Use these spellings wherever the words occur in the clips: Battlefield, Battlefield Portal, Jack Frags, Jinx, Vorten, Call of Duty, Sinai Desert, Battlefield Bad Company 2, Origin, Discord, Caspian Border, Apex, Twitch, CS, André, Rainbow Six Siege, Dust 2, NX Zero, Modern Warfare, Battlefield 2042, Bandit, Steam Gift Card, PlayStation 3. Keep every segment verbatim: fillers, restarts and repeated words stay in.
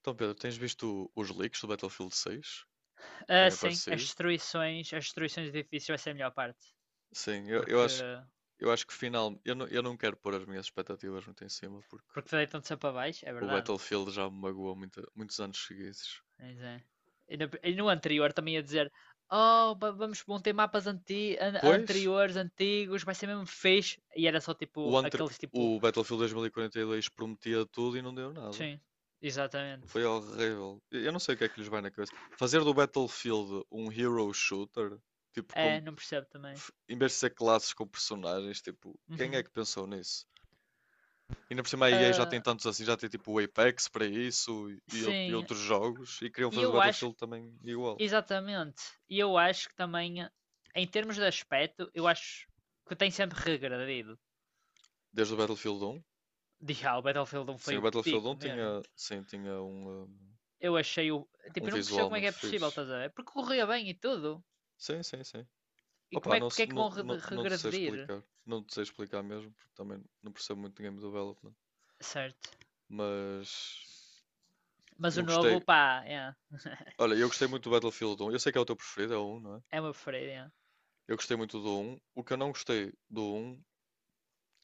Então, Pedro, tens visto os leaks do Battlefield seis que têm Ah, sim, as aparecido? destruições, as destruições de edifícios vai ser a melhor parte. Sim, eu, eu Porque, acho, eu acho que final, eu não, eu não quero pôr as minhas expectativas muito em cima porque porque deitam-se para baixo, é o verdade. Battlefield já me magoou muita- muitos anos seguidos. Mas é. E no, e no anterior também ia dizer: Oh, va- vamos, vão ter mapas anti, an- Pois, anteriores, antigos, vai ser mesmo fixe. E era só o, tipo anter- aqueles tipo. o Battlefield dois mil e quarenta e dois prometia tudo e não deu nada. Sim, exatamente. Foi horrível. Eu eu não sei o que é que lhes vai na cabeça. Fazer do Battlefield um hero shooter, tipo, com, É, não percebo também. f- em vez de ser classes com personagens, tipo, quem é Uhum. que pensou nisso? Ainda por cima a E A já tem Ah, tantos assim, já tem tipo o Apex para isso e, ou- e sim, outros jogos e queriam e fazer o eu acho, Battlefield também igual. exatamente, e eu acho que também, em termos de aspecto, eu acho que tem sempre regredido. Desde o Battlefield um. Já, o Battlefield um Sim, foi o o Battlefield pico um mesmo. tinha, sim, tinha um, um, Eu achei o. um Tipo, eu não percebo visual como é que muito é possível, fixe. estás a ver? Porque corria bem e tudo. Sim, sim, sim. E como Opa, é que, não, porque se- é que não, vão re- não, não te sei regredir? explicar. Não te sei explicar mesmo, porque também não percebo muito de game development. Certo. Mas Mas eu o novo, gostei. pá, é. Olha, eu gostei muito do Battlefield um. Eu sei que é o teu preferido, é o um, não é? É uma preferida, é. Eu gostei muito do um. O que eu não gostei do um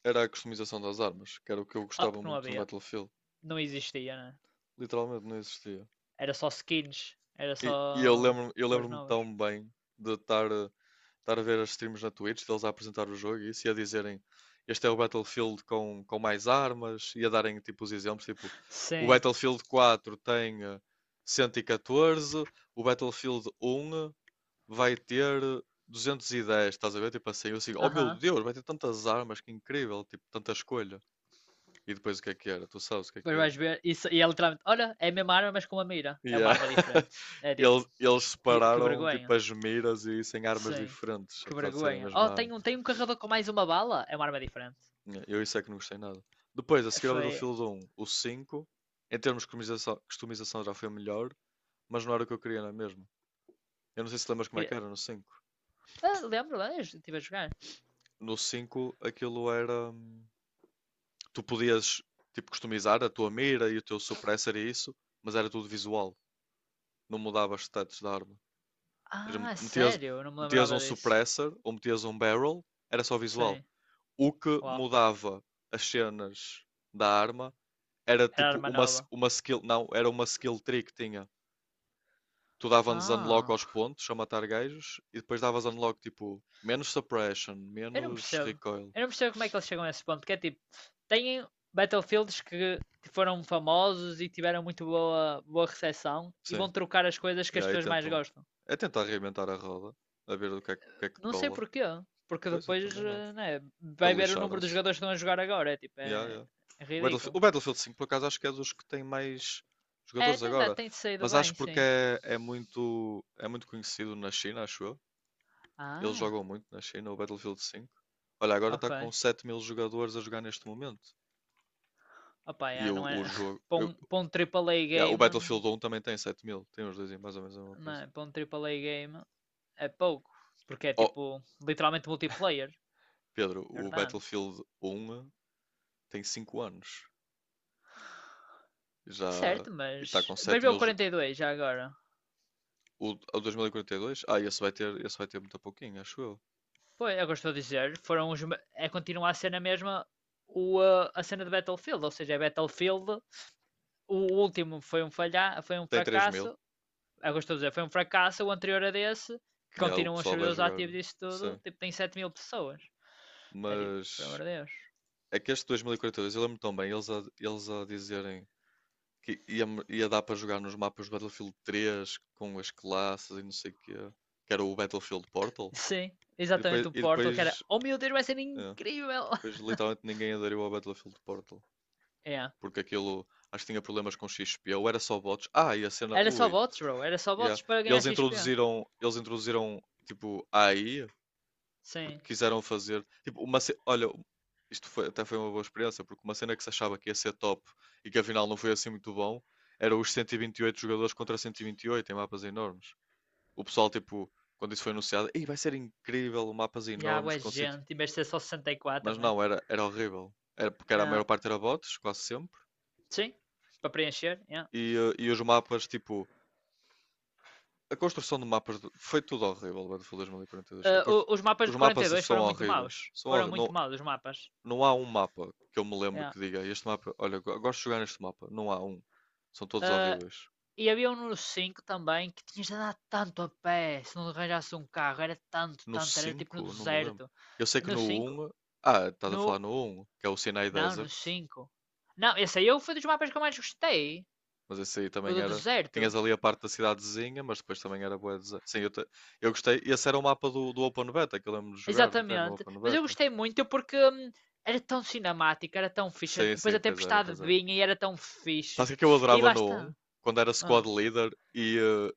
era a customização das armas, que era o que eu Ah, gostava porque não muito no havia. Battlefield. Não existia, né? Literalmente não existia. Era só skins. Era E, e eu só lembro, eu cores lembro-me novas. tão bem de estar, a- estar a ver as streams na Twitch, deles a apresentar o jogo e isso e a dizerem este é o Battlefield com, com mais armas e a darem tipo os exemplos, tipo o Sim. Battlefield quatro tem eh, cento e catorze, o Battlefield um vai ter eh, duzentos e dez, estás a ver? Tipo assim, eu assim, oh Aham. meu Uhum. Deus, vai ter tantas armas, que incrível, tipo, tanta escolha. E depois o que é que era? Tu sabes o que é que era? Depois vais ver. Isso, e é literalmente. Olha, é a mesma arma, mas com uma mira. É uma Yeah. arma diferente. É tipo. Eles, eles Que, que separaram tipo vergonha. as miras e isso em armas Sim. diferentes, Que apesar de serem a vergonha. Oh, mesma arma. tem um, tem um carregador com mais uma bala? É uma arma diferente. Yeah, eu isso é que não gostei nada. Depois, a seguir ao Foi. Battlefield um, o cinco em termos de customização, customização já foi melhor, mas não era o que eu queria, não é mesmo? Eu não sei se lembras como é que era no cinco. Ah, lembro, lá, eu estive a jogar. No cinco aquilo era. hum, Tu podias tipo customizar a tua mira e o teu suppressor e isso, mas era tudo visual, não mudava os status da arma. Ou seja, Ah, metias, sério? Eu não me metias lembrava um disso. suppressor ou metias um barrel, era só visual. Sim. O que Uau. mudava as cenas da arma era Era tipo arma uma, nova. uma skill. Não, era uma skill tree que tinha. Tu davas unlock Ah. aos pontos a matar gajos e depois davas unlock tipo menos suppression, Eu não menos percebo. recoil. Eu não percebo como é que eles chegam a esse ponto. Que é tipo. Têm Battlefields que foram famosos e tiveram muito boa, boa recepção e Sim. vão trocar as coisas E que as aí pessoas mais tentam. gostam. É tentar reinventar a roda, a ver o que é, que o que é que Não sei cola. porquê. Porque Pois eu depois também não. né, Pe- vai ver o número dos Lixaram-se. jogadores que estão a jogar agora. É tipo. Yeah, É, yeah. é O Battlefield, ridículo. o Battlefield cinco, por acaso, acho que é dos que tem mais É, jogadores tem, agora. tem saído Mas acho bem, porque sim. é, é muito, é muito conhecido na China, acho eu. Eles Ah, jogam muito na China, o Battlefield cinco. Olha, agora está ok. com sete mil jogadores a jogar neste momento. Opa, E yeah, o, não o é... jogo. para, eu- um, para um A A A yeah, o game, Battlefield um também tem sete mil. Tem os dois em mais ou menos a mesma não coisa. é? Para um triple A game é pouco, porque é Oh, tipo literalmente multiplayer, Pedro, é o verdade. Battlefield um tem cinco anos. Já. Certo, E está mas. com Mas sete veio o mil. jo- quarenta e dois já agora. O, o dois mil e quarenta e dois? Ah, esse vai ter, esse vai ter muito pouquinho, acho eu. Pois, é o que eu estou a dizer, foram os. É continuar a cena mesma o, uh, a cena de Battlefield, ou seja, é Battlefield, o último foi um falha, foi um Tem três fracasso, mil. é o que eu estou a dizer, foi um fracasso, o anterior a desse, que Yeah, o continuam os pessoal vai servidores jogar. ativos disso tudo, Sim. tipo, tem sete mil pessoas. É tipo, por amor Mas de Deus. é que este dois mil e quarenta e dois, eu lembro tão bem, eles a, eles a dizerem que ia, ia dar para jogar nos mapas do Battlefield três com as classes e não sei o quê, que era o Battlefield Portal. Sim, E depois, exatamente o e Portal, que era, depois, oh meu Deus, vai ser é, incrível! depois literalmente ninguém aderiu ao Battlefield Portal, É. porque aquilo acho que tinha problemas com X P, ou era só bots. Ah, e a cena, Era só ui, bots, bro, era só bots yeah. para E ganhar eles X P. introduziram, eles introduziram tipo A I porque Sim. quiseram fazer. Tipo, uma ce- olha, isto foi, até foi uma boa experiência, porque uma cena que se achava que ia ser top e que afinal não foi assim muito bom, era os cento e vinte e oito jogadores contra cento e vinte e oito em mapas enormes. O pessoal, tipo, quando isso foi anunciado, ei, vai ser incrível, mapas E há enormes boa com cem... gente, em vez de ser só sessenta e quatro, Mas né? não, era, era horrível. Era porque era, a maior Ah, parte era bots, quase sempre. sim, para preencher. Yeah. E, eh, e os mapas, tipo, a construção de mapas do- foi tudo horrível, Battlefield dois mil e quarenta e dois. A Ah, constru- os mapas os de quarenta mapas e dois são foram muito maus. horríveis. São Foram horr- muito não, maus os mapas. não há um mapa que eu me lembro Yeah. que diga este mapa, olha, go- gosto de jogar neste mapa. Não há um. São todos Ah, horríveis. e havia um número cinco também que tinhas de andar tanto a pé se não arranjasse um carro. Era tanto, No tanto, era tipo no cinco não me lembro. deserto. Eu sei que No no cinco um ah, estás a falar no no um que é o Sinai Não, no Desert, cinco. Não, esse aí foi dos mapas que eu mais gostei. mas esse aí O também do era. deserto. Tinhas ali a parte da cidadezinha, mas depois também era boa. Sim, eu, te- eu gostei. Esse era o mapa do, do Open Beta, que eu lembro de jogar até no Exatamente. Open Mas eu Beta. gostei muito porque hum, era tão cinemático, era tão fixe. Sim, Depois sim, a pois era, tempestade pois era. vinha e era tão Sabe o fixe. que é que eu E adorava lá no está. um? Quando era Aham. squad leader e, eh,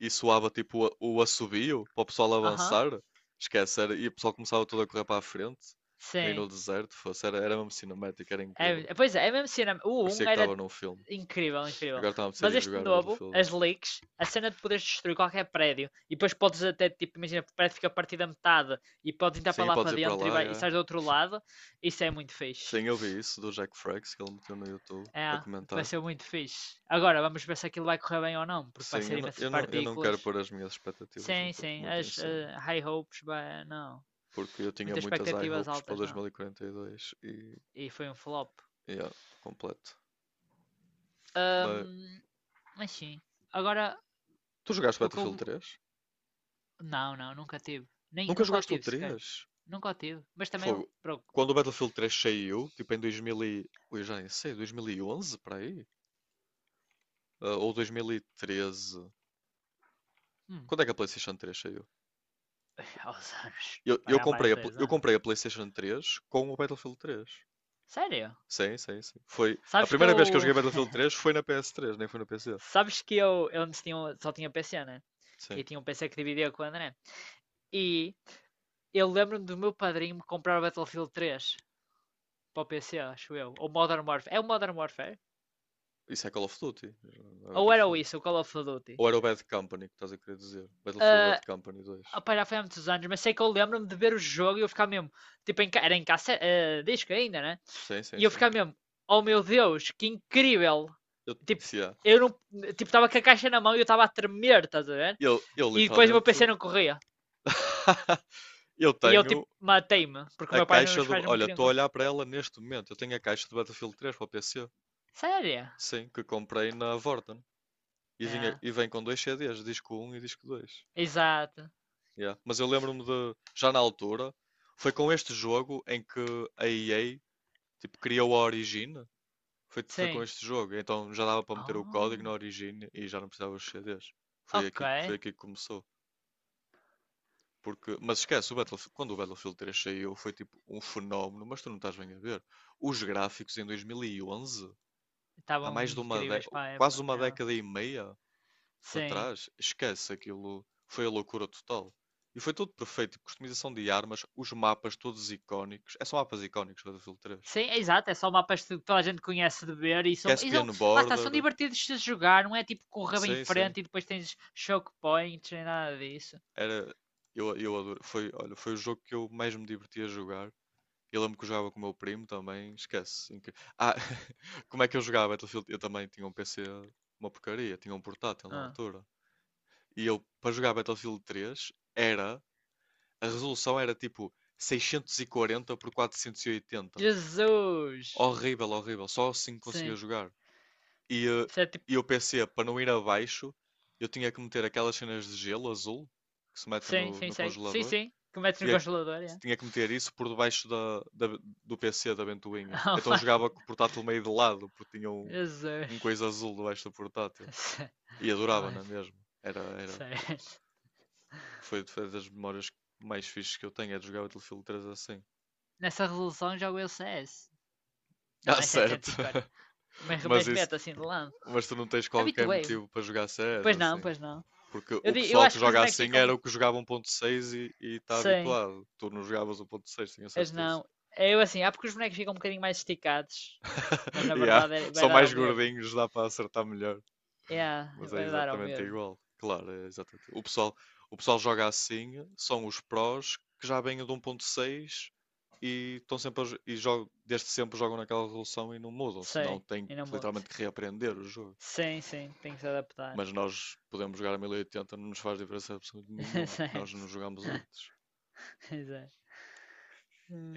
e soava tipo o o assobio para o pessoal Aham. avançar. Esquece, era, e o pessoal começava todo a correr para a frente, tipo aí Sim. no deserto. Fosse, era, era mesmo cinemático, era É, incrível. é, pois é, é mesmo cinema. O Parecia um que era estava num filme. incrível, incrível. Agora estava a ser a Mas este jogar o novo, Battlefield um. as leaks, a cena de poderes destruir qualquer prédio e depois podes até, tipo, imagina, o prédio fica partido da metade e podes entrar Sim, para e lá podes para ir para dentro e, lá, vai, e já. sais do outro lado, isso é muito fixe. Sim, eu vi isso do Jack Frags que ele meteu no YouTube a É, vai comentar. ser muito fixe. Agora, vamos ver se aquilo vai correr bem ou não, porque vai Sim, ser eu não, imensas eu não, eu não quero partículas. pôr as minhas expectativas Sim, muito, em- sim, muito em as cima. eh, high hopes, vai- não. Porque eu tinha Muitas muitas high expectativas hopes para altas, não. dois mil e quarenta e dois e, quarenta e dois E foi um flop. e, yeah, completo. Mas Ahm, mas sim. Agora, tu jogaste o que Battlefield eu... três? Não, não, nunca tive. Nem, Nunca nunca o jogaste o tive sequer. três? Nunca o tive. Mas também, Fogo. bro, Quando o Battlefield três saiu, tipo em dois mil e... Ui, já nem sei, dois mil e onze para aí? Ah, ou dois mil e treze? hum, Quando é que a PlayStation três saiu? aos anos. Eu, Vai eu há mais comprei de a, pl- dez eu anos. comprei a PlayStation três com o Battlefield três. Sério? Sim, sim, sim. Foi a Sabes que primeira vez que eu eu... joguei Battlefield três foi na P S três, nem foi no P C. Sabes que eu, eu antes tinha, um- só tinha P C, né? Sim. E tinha um P C que dividia com o André. E eu lembro-me do meu padrinho me comprar o Battlefield três para o P C, acho eu. Ou Modern Warfare. É o Modern Warfare? Isso é Call of Duty, não é Ou era o Battlefield. isso, o Call of Duty? Ou era o Bad Company que estás a querer dizer? Battlefield Ah, Bad Company dois. opá, já foi há muitos anos, mas sei que eu lembro-me de ver o jogo e eu ficar mesmo. Tipo, em, era em cassete, eh, disco ainda, né? Sim, sim, E eu sim. ficar mesmo, oh meu Deus, que incrível! Eu, Tipo, yeah, eu não. Tipo, estava com a caixa na mão e eu estava a tremer, estás a ver? Eu, eu E depois o meu P C literalmente. não corria. Eu E eu, tipo, tenho matei-me, porque o a meu pai e os caixa meus do. pais não me Olha, queriam. estou a co- olhar para ela neste momento. Eu tenho a caixa do Battlefield três para o P C. Sério? Sim, que comprei na Vorten. E, vinha, É, e vem com dois C Ds, disco um e disco dois. exato. Yeah. Mas eu lembro-me de. Já na altura, foi com este jogo em que a E A tipo, criou a Origin. Foi, foi com Sim. este jogo. Então já dava para meter o código na Oh. Origin e já não precisava dos C Ds. Foi Ok, aqui, foi aqui que começou. Porque, mas esquece, o Battlefield, quando o Battlefield três saiu foi tipo um fenómeno, mas tu não estás bem a ver. Os gráficos em dois mil e onze, há estavam mais de uma incríveis década, para a quase época. uma É. década e meia para Sim. trás, esquece aquilo, foi a loucura total. E foi tudo perfeito, tipo, customização de armas, os mapas todos icónicos, é, são mapas icónicos do Battlefield três. Sim, é exato, é só mapas que toda a gente conhece de ver e são, e são, Caspian lá está, são Border, divertidos de se jogar, não é tipo correr bem em sim, sim, frente e depois tens choke points, nem nada disso. era, eu, eu adoro, foi, olha, foi o jogo que eu mais me diverti a jogar. Eu lembro que eu jogava com o meu primo também, esquece. Inc- Ah, como é que eu jogava Battlefield? Eu também tinha um P C, uma porcaria, tinha um portátil na Ah. altura. E eu, para jogar Battlefield três, era, a resolução era tipo seiscentos e quarenta por quatrocentos e oitenta. Jesus! Horrível, horrível, só assim conseguia Sim, jogar. E, eh, isso é tipo, e o P C, para não ir abaixo, eu tinha que meter aquelas cenas de gelo azul que se mete sim, no, sim, no sei, sim, congelador. sim, que metes no tinha, que- congelador, é. Tinha que meter isso por debaixo da, da- do P C da ventoinha. Oh, Então my- jogava com o portátil meio de lado, porque tinha um, um Jesus! coisa azul debaixo do portátil. Sé- E adorava, Olha, não é mesmo? Era, era, sério. foi, foi das memórias mais fixes que eu tenho, é de jogar o Battlefield três assim. Nessa resolução jogo eu C S. Não, Ah, é certo. setecentos e quarenta. Mas, Mas mas isso, meto assim de lado. mas tu não tens qualquer Habituei-me. motivo para jogar C S Pois não, assim. pois não. Porque Eu, o di- eu pessoal acho que que os joga bonecos assim era ficam o que jogava um ponto seis e está sim, habituado. Tu não jogavas um ponto seis, tenho as certeza. não. É. Eu assim, há porque os bonecos ficam um bocadinho mais esticados, mas na Yeah, verdade é- vai são dar mais ao mesmo. gordinhos, dá para acertar melhor. É, Mas é vai dar ao exatamente mesmo. igual. Claro, é exatamente. O pessoal, o pessoal joga assim, são os prós que já vêm do um ponto seis e estão sempre a jo- e jogam, desde sempre jogam naquela resolução e não mudam, senão Sim, têm que e não mu- literalmente que reaprender o jogo. Sim, sim, tem que se adaptar. Mas nós podemos jogar a mil e oitenta, não nos faz diferença absolutamente nenhuma, que nós não Certo, jogámos antes. exato.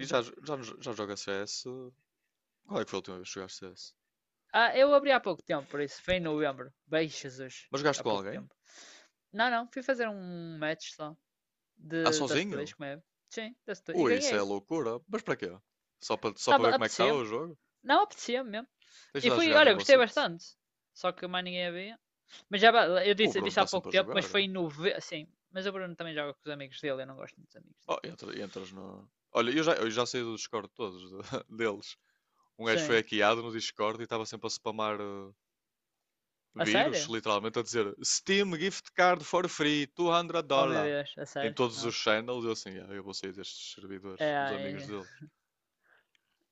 E já, jo- já, nos- já joga C S? Qual é que foi a última vez que jogaste C S? Ah, eu abri há pouco tempo, por isso, foi em novembro. Beijo, Jesus, Mas jogaste há com pouco alguém? tempo. Não, não, fui fazer um match só Ah, de Dust dois, sozinho? como é? Sim, Dust dois, e Ui, isso é ganhei. loucura. Mas para quê? Só para, só para Tava, ver como é que estava apetecia-me, o jogo? não apetecia-me mesmo. Tens de E lá fui, jogar olha, Rainbow gostei Six? bastante. Só que mais ninguém havia. Mas já eu O disse, Bruno disse está há pouco sempre a tempo, mas jogar. foi em novembro. Sim, mas o Bruno também joga com os amigos dele, eu não gosto muito dos amigos Oh, dele. entra- entras no. Olha, eu já, eu já saí do Discord todos de- deles. Um gajo foi Sim. hackeado no Discord e estava sempre a spamar eh, A vírus, sério? literalmente, a dizer Steam Gift Card for free, duzentos Oh meu dólares Deus, a em sério? todos Ah. os channels, eu assim, "Ah, eu vou sair destes É, servidores, dos amigos é- deles."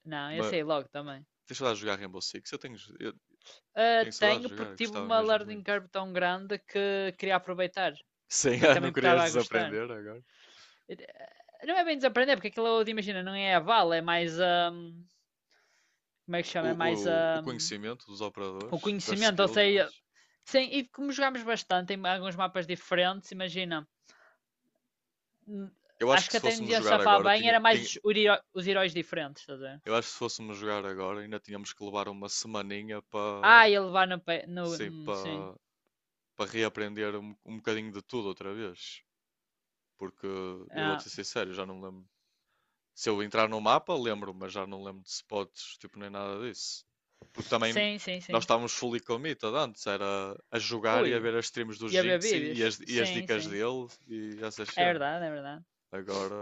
não, eu Mas sei logo também. deixa eu lá jogar Rainbow Six, eu tenho, eu Ah, tenho saudades tenho de jogar, porque eu tive gostava uma mesmo learning muito. curve tão grande que queria aproveitar. Sem E ah, não também estava querias a gostar. desaprender agora? Eh, Não é bem desaprender, porque aquilo, imagina, não é a vala, é mais a. Um, como é que O, chama? É mais o, o a. Um, conhecimento dos o operadores, das conhecimento, ou skills sei, deles. sim, e como jogámos bastante em alguns mapas diferentes, imagina, hum, Eu acho acho que que se até não fôssemos ia jogar safar agora, bem, tinha, era mais tinha- os, o heró- os heróis diferentes, estás a ver? eu acho que se fôssemos jogar agora, ainda tínhamos que levar uma semaninha para, Ah, ia levar no, pe- no, sim, hum, sim. para, para reaprender um, um bocadinho de tudo outra vez. Porque eu vou-te Ah, ser sincero, já não me lembro. Se eu entrar no mapa, lembro, mas já não lembro de spots, tipo, nem nada disso. Porque também sim, sim, nós sim. estávamos fully committed antes, era a jogar e a Ui, ver as streams do ia ver Jinx e, e vídeos? as, e as Sim, dicas sim. dele e essas É cenas. verdade, é verdade.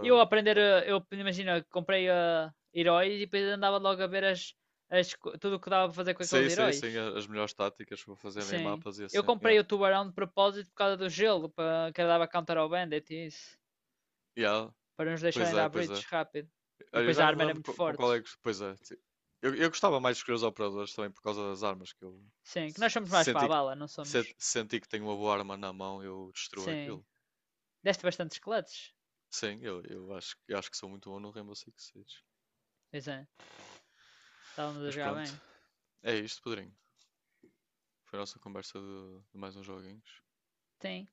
Eu aprender, eh, eu imagina, comprei eh, heróis e depois andava logo a ver as, as, co- tudo o que dava para fazer com aqueles sei, sei, sei, heróis. as melhores táticas para fazer em Sim. mapas e Eu assim. Yeah. comprei o tubarão de propósito por causa do gelo, para que dava counter ao Bandit e isso. Yeah, Para nos pois deixarem é, dar pois é. breaches rápido. E Olha, eu depois já a nem me arma era lembro muito co- com, qual forte. é que. Pois é. Ti- Eu, eu gostava mais de escolher os operadores também por causa das armas que eu Sim, que se- nós somos mais para a senti que, bala, não se- somos? senti que tenho uma boa arma na mão, eu destruo Sim. aquilo. Deste bastantes clutches. Sim, eu, eu acho, eu acho que sou muito bom no Rainbow Six Siege. Pois é, estávamos a Mas jogar pronto, bem. é isto, Pedrinho. Foi a nossa conversa de, de mais uns joguinhos. Sim.